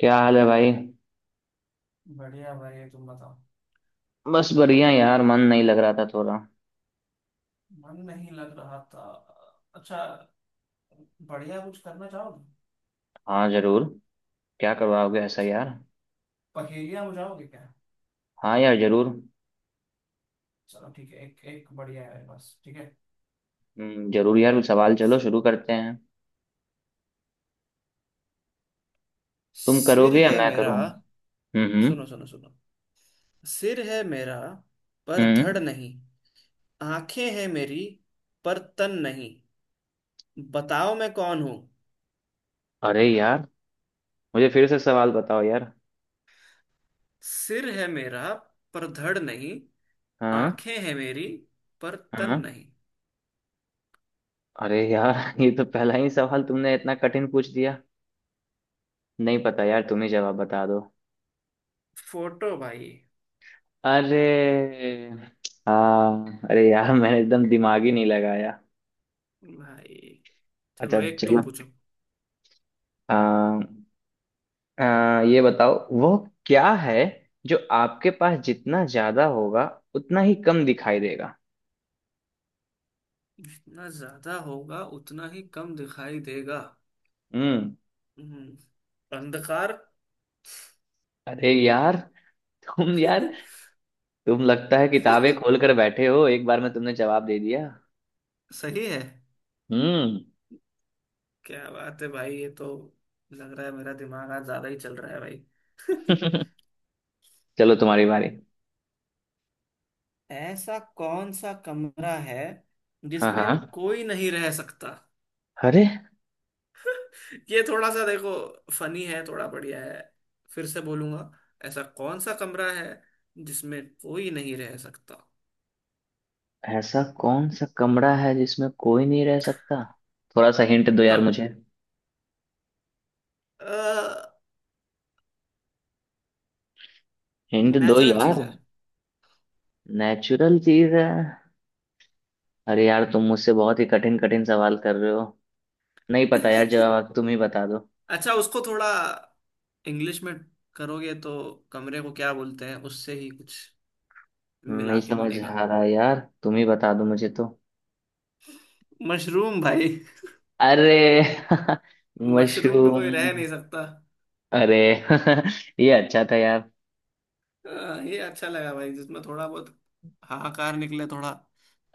क्या हाल है भाई। बढ़िया भाई तुम बताओ। बस बढ़िया यार, मन नहीं लग रहा था थोड़ा। मन नहीं लग रहा था। अच्छा। बढ़िया कुछ करना चाहोगे। हाँ जरूर। क्या करवाओगे ऐसा यार? पहेलियां बुझाओगे क्या। हाँ यार जरूर चलो ठीक है, एक एक बढ़िया है, बस ठीक है। जरूर यार, कुछ सवाल चलो शुरू करते हैं। तुम सिर करोगे या है मैं मेरा। करूँ? हम्म। सुनो सुनो सुनो। सिर है मेरा पर धड़ हम्म। नहीं। आंखें हैं मेरी पर तन नहीं। बताओ मैं कौन हूं। अरे यार, मुझे फिर से सवाल बताओ यार। सिर है मेरा पर धड़ नहीं। हाँ आंखें हैं मेरी पर तन हाँ। नहीं। अरे यार ये तो पहला ही सवाल तुमने इतना कठिन पूछ दिया। नहीं पता यार, तुम ही जवाब बता दो। फोटो भाई। अरे। हाँ अरे यार, मैंने एकदम दिमाग ही नहीं लगाया। भाई। अच्छा चलो एक तुम चलो। पूछो। हाँ। अ, ये बताओ वो क्या है जो आपके पास जितना ज्यादा होगा उतना ही कम दिखाई देगा। जितना ज्यादा होगा उतना ही कम दिखाई देगा। हम्म। हम्म, अंधकार। अरे यार, तुम यार, तुम लगता है किताबें खोल कर बैठे हो, एक बार में तुमने जवाब दे दिया। सही है। हम्म। क्या बात है भाई, ये तो लग रहा है मेरा दिमाग आज ज्यादा ही चल रहा है भाई। चलो तुम्हारी बारी। ऐसा कौन सा कमरा है हाँ जिसमें हाँ। कोई नहीं रह सकता। अरे, ये थोड़ा सा देखो, फनी है थोड़ा, बढ़िया है। फिर से बोलूंगा। ऐसा कौन सा कमरा है जिसमें कोई नहीं रह सकता। ऐसा कौन सा कमरा है जिसमें कोई नहीं रह सकता? थोड़ा सा हिंट दो यार हाँ। मुझे। हिंट दो नेचुरल चीज यार। है। नेचुरल चीज है। अरे यार, तुम मुझसे बहुत ही कठिन कठिन सवाल कर रहे हो। नहीं पता यार, जवाब तुम ही बता दो। अच्छा, उसको थोड़ा इंग्लिश में करोगे तो कमरे को क्या बोलते हैं उससे ही कुछ मिला नहीं के समझ बनेगा। आ रहा यार, तुम ही बता दो मुझे तो। मशरूम भाई। अरे मशरूम में मशरूम। कोई रह नहीं सकता। अरे ये अच्छा था यार। अ, ये अच्छा लगा भाई, जिसमें थोड़ा बहुत हाहाकार निकले थोड़ा,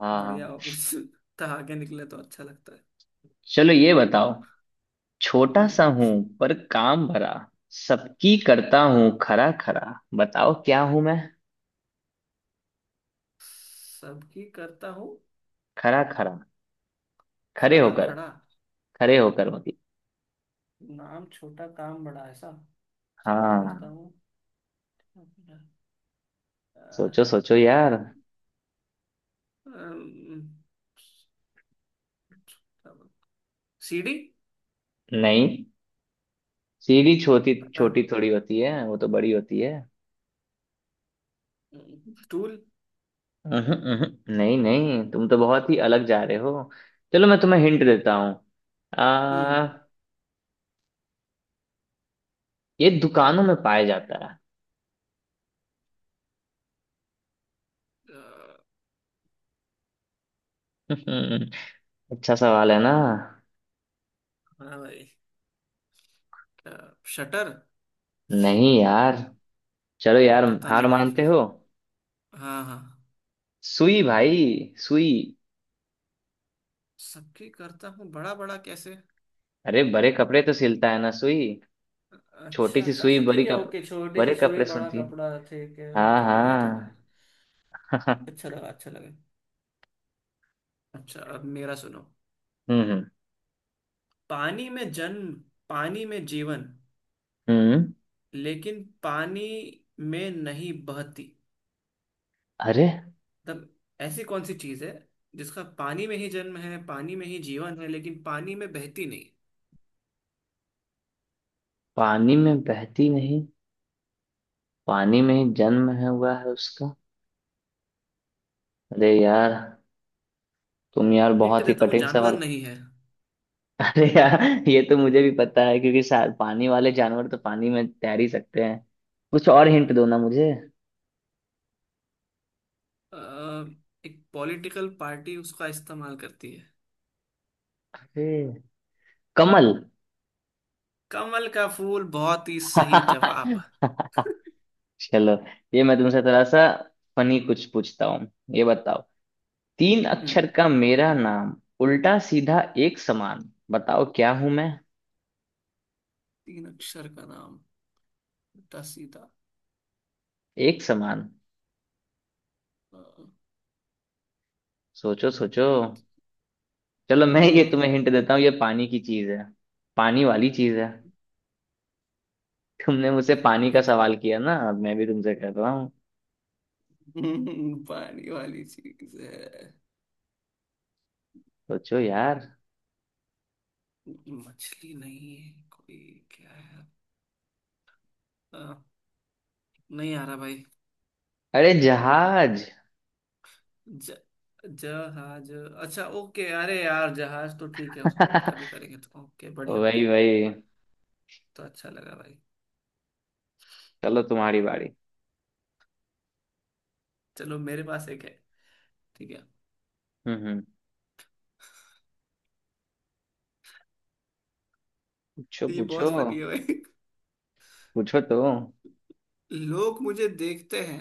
हाँ बढ़िया हाँ। हो कुछ, ठहाके निकले तो अच्छा लगता है। चलो ये बताओ। छोटा हम्म। सा हूं, पर काम भरा, सबकी करता हूँ खरा खरा। बताओ क्या हूं मैं? सबकी करता हूँ खरा खरा, खरे खड़ा होकर। खड़ा। खरे होकर मतलब। नाम छोटा काम बड़ा ऐसा। सबकी करता हाँ। हूँ। अ, सोचो सोचो यार। अम, सीढ़ी। नहीं, सीढ़ी छोटी पता है। छोटी थोड़ी होती है, वो तो बड़ी होती है। स्टूल। उहुं, उहुं। नहीं नहीं, तुम तो बहुत ही अलग जा रहे हो। चलो मैं तुम्हें हिंट देता हूँ। हम्म। आ ये दुकानों में पाया जाता है। अ, अच्छा सवाल है ना? हाँ भाई, शटर। नहीं यार। चलो यार, पता हार नहीं भाई मानते फिर। हो? हाँ हाँ। सुई भाई सुई। सबकी करता हूँ बड़ा बड़ा कैसे। अरे बड़े कपड़े तो सिलता है ना सुई। छोटी अच्छा सी अच्छा सुई, अच्छा, बड़ी ठीक है, कप ओके, छोटी बड़े सी सुई कपड़े बड़ा सुनती है। कपड़ा, ठीक है हाँ ओके, बढ़िया था भाई। हाँ। अच्छा लगा, अच्छा लगा। अच्छा, अब मेरा सुनो। हम्म। पानी में जन्म, पानी में जीवन, हम्म। लेकिन पानी में नहीं बहती। अरे, मतलब, ऐसी कौन सी चीज है जिसका पानी में ही जन्म है, पानी में ही जीवन है, लेकिन पानी में बहती नहीं। पानी में बहती नहीं, पानी में ही जन्म है हुआ है उसका। अरे यार, तुम यार हिंट बहुत ही देता हूँ, कठिन जानवर सवाल। नहीं है। अरे यार, ये तो मुझे भी पता है क्योंकि शायद पानी वाले जानवर तो पानी में तैर ही सकते हैं। कुछ और हिंट हम्म, दो ना मुझे। अ, एक पॉलिटिकल पार्टी उसका इस्तेमाल करती है। अरे कमल। कमल का फूल, बहुत ही सही जवाब। चलो ये मैं तुमसे थोड़ा सा फनी कुछ पूछता हूँ। ये बताओ, तीन हम्म, अक्षर का मेरा नाम, उल्टा सीधा एक समान, बताओ क्या हूं मैं? तीन अक्षर का नाम, उल्टा सीधा। एक समान। अ, सोचो सोचो। चलो मैं ये हाँ। तुम्हें हिंट देता हूँ, ये पानी की चीज है। पानी वाली चीज है। तुमने मुझसे पानी पानी का वाली चीज। सवाल किया ना, अब मैं भी तुमसे कर रहा। हम्म, पानी वाली चीज है। सोचो यार। मछली नहीं है, कोई क्या है। अ, नहीं आ रहा भाई। अरे जहाज। ज जहाज, अच्छा ओके। अरे यार जहाज तो ठीक है, उसको उल्टा भी करेंगे तो ओके, बढ़िया बढ़िया। वही वही। तो अच्छा लगा भाई। चलो तुम्हारी बारी। चलो, मेरे पास एक है, ठीक है। हम्म। पूछो तो ये पूछो। बहुत फनी है भाई। पूछो तो। लोग मुझे देखते हैं,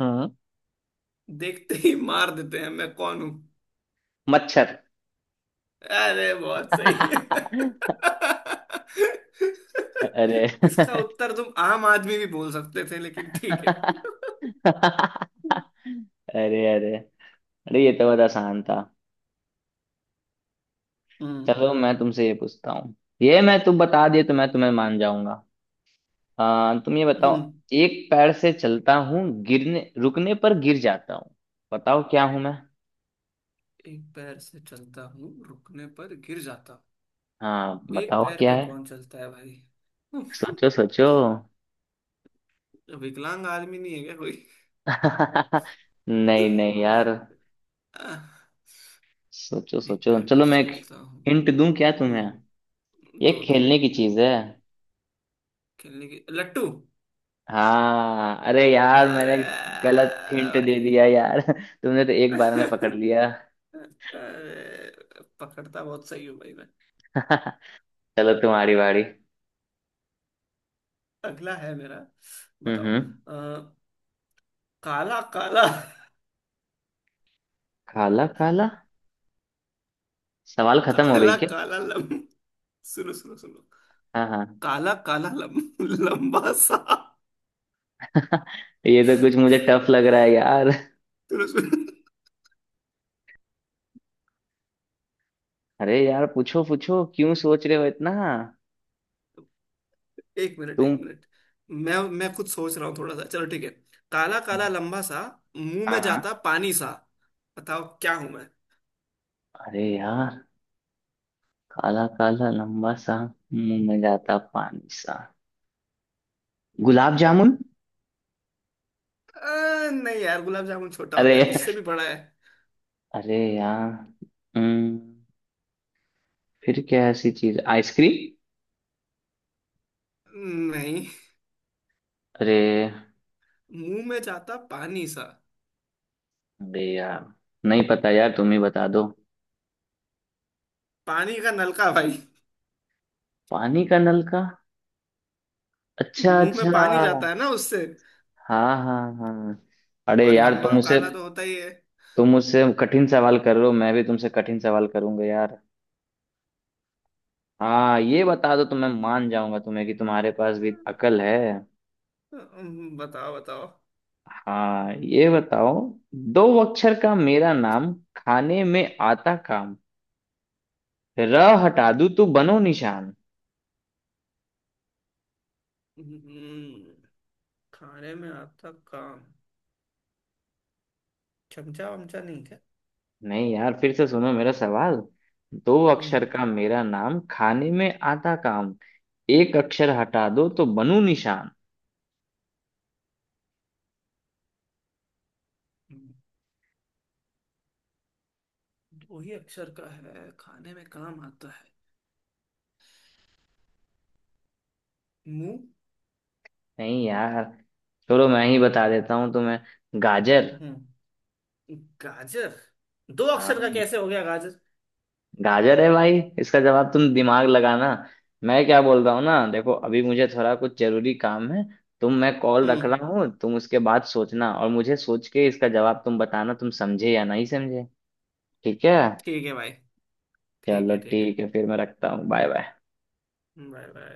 हम्म। देखते ही मार देते हैं, मैं कौन हूं। मच्छर। अरे बहुत सही है। अरे इसका उत्तर तुम आम आदमी भी बोल सकते थे, लेकिन ठीक है। अरे। अरे, अरे ये तो बहुत आसान था। हम्म चलो मैं तुमसे ये पूछता हूँ, ये मैं तुम बता दिए तो मैं तुम्हें मान जाऊंगा। तुम ये बताओ, हम्म। एक पैर से चलता हूँ, गिरने रुकने पर गिर जाता हूँ, बताओ क्या हूं मैं? एक पैर से चलता हूँ, रुकने पर गिर जाता हाँ हूँ। एक बताओ पैर क्या पे है। कौन चलता है भाई। सोचो सोचो। विकलांग आदमी नहीं है क्या कोई। नहीं नहीं यार। आह, सोचो एक सोचो, पैर पर चलो मैं एक चलता हूँ। हिंट दूं क्या तुम्हें? हम्म। ये दो दो। खेलने की चीज है। खेलने की, लट्टू। हाँ अरे यार, मैंने अरे गलत हिंट दे भाई। दिया यार। तुमने तो एक बार में पकड़ लिया। अरे, पकड़ता बहुत सही हूँ भाई मैं। चलो तुम्हारी बारी। अगला है मेरा। बताओ हम्म। काला काला। काला काला। सवाल खत्म हो गई काला क्या? काला लम सुनो सुनो सुनो। हाँ हाँ। काला काला लम लंबा सा। ये तो कुछ मुझे टफ लग रहा है यार। सुनो सुनो। अरे यार, पूछो पूछो, क्यों सोच रहे हो इतना? एक मिनट एक तुम। मिनट। मैं खुद सोच रहा हूँ थोड़ा सा, चलो ठीक है। काला काला लंबा सा, मुंह हाँ में जाता हाँ। पानी सा। बताओ क्या हूं मैं। अरे यार, काला काला लंबा सा, मुंह में जाता पानी सा, गुलाब जामुन। नहीं यार, गुलाब जामुन छोटा होता अरे, है, उससे भी बड़ा है। अरे यार। हम्म, फिर क्या ऐसी चीज, आइसक्रीम? नहीं। अरे, मुंह में जाता पानी सा। अरे यार, नहीं पता यार, तुम ही बता दो। पानी का नलका भाई। पानी का नलका। अच्छा मुंह अच्छा। में पानी जाता है ना उससे। हाँ हाँ हाँ। अरे और यार लंबा तुम उसे, काला तो होता ही है। तुम उससे कठिन सवाल कर रहे हो, मैं भी तुमसे कठिन सवाल करूंगा यार। हाँ ये बता दो तो मैं मान जाऊंगा तुम्हें कि तुम्हारे पास भी अकल है। बताओ बताओ। हाँ ये बताओ, दो अक्षर का मेरा नाम, खाने में आता काम, र हटा दूं तो बनो निशान। हम्म, खाने में आता काम, चमचा वमचा नहीं क्या। नहीं यार, फिर से सुनो मेरा सवाल। दो हम्म। अक्षर का मेरा नाम, खाने में आता काम, एक अक्षर हटा दो तो बनूं निशान। हम्म, वही अक्षर का है, खाने में काम आता है, मुंह। नहीं यार, छोड़ो, मैं ही बता देता हूँ तुम्हें। गाजर। हम्म। गाजर। दो अक्षर का हाँ कैसे हो गया गाजर। गाजर है भाई, इसका जवाब तुम दिमाग लगाना। मैं क्या बोल रहा हूँ ना देखो, अभी मुझे थोड़ा कुछ जरूरी काम है। तुम, मैं कॉल रख हम्म। रहा हूँ, तुम उसके बाद सोचना और मुझे सोच के इसका जवाब तुम बताना, तुम समझे या नहीं समझे? ठीक है। ठीक है भाई। ठीक चलो है, ठीक है। ठीक है, फिर मैं रखता हूँ। Bye bye. हम्म, वै वै।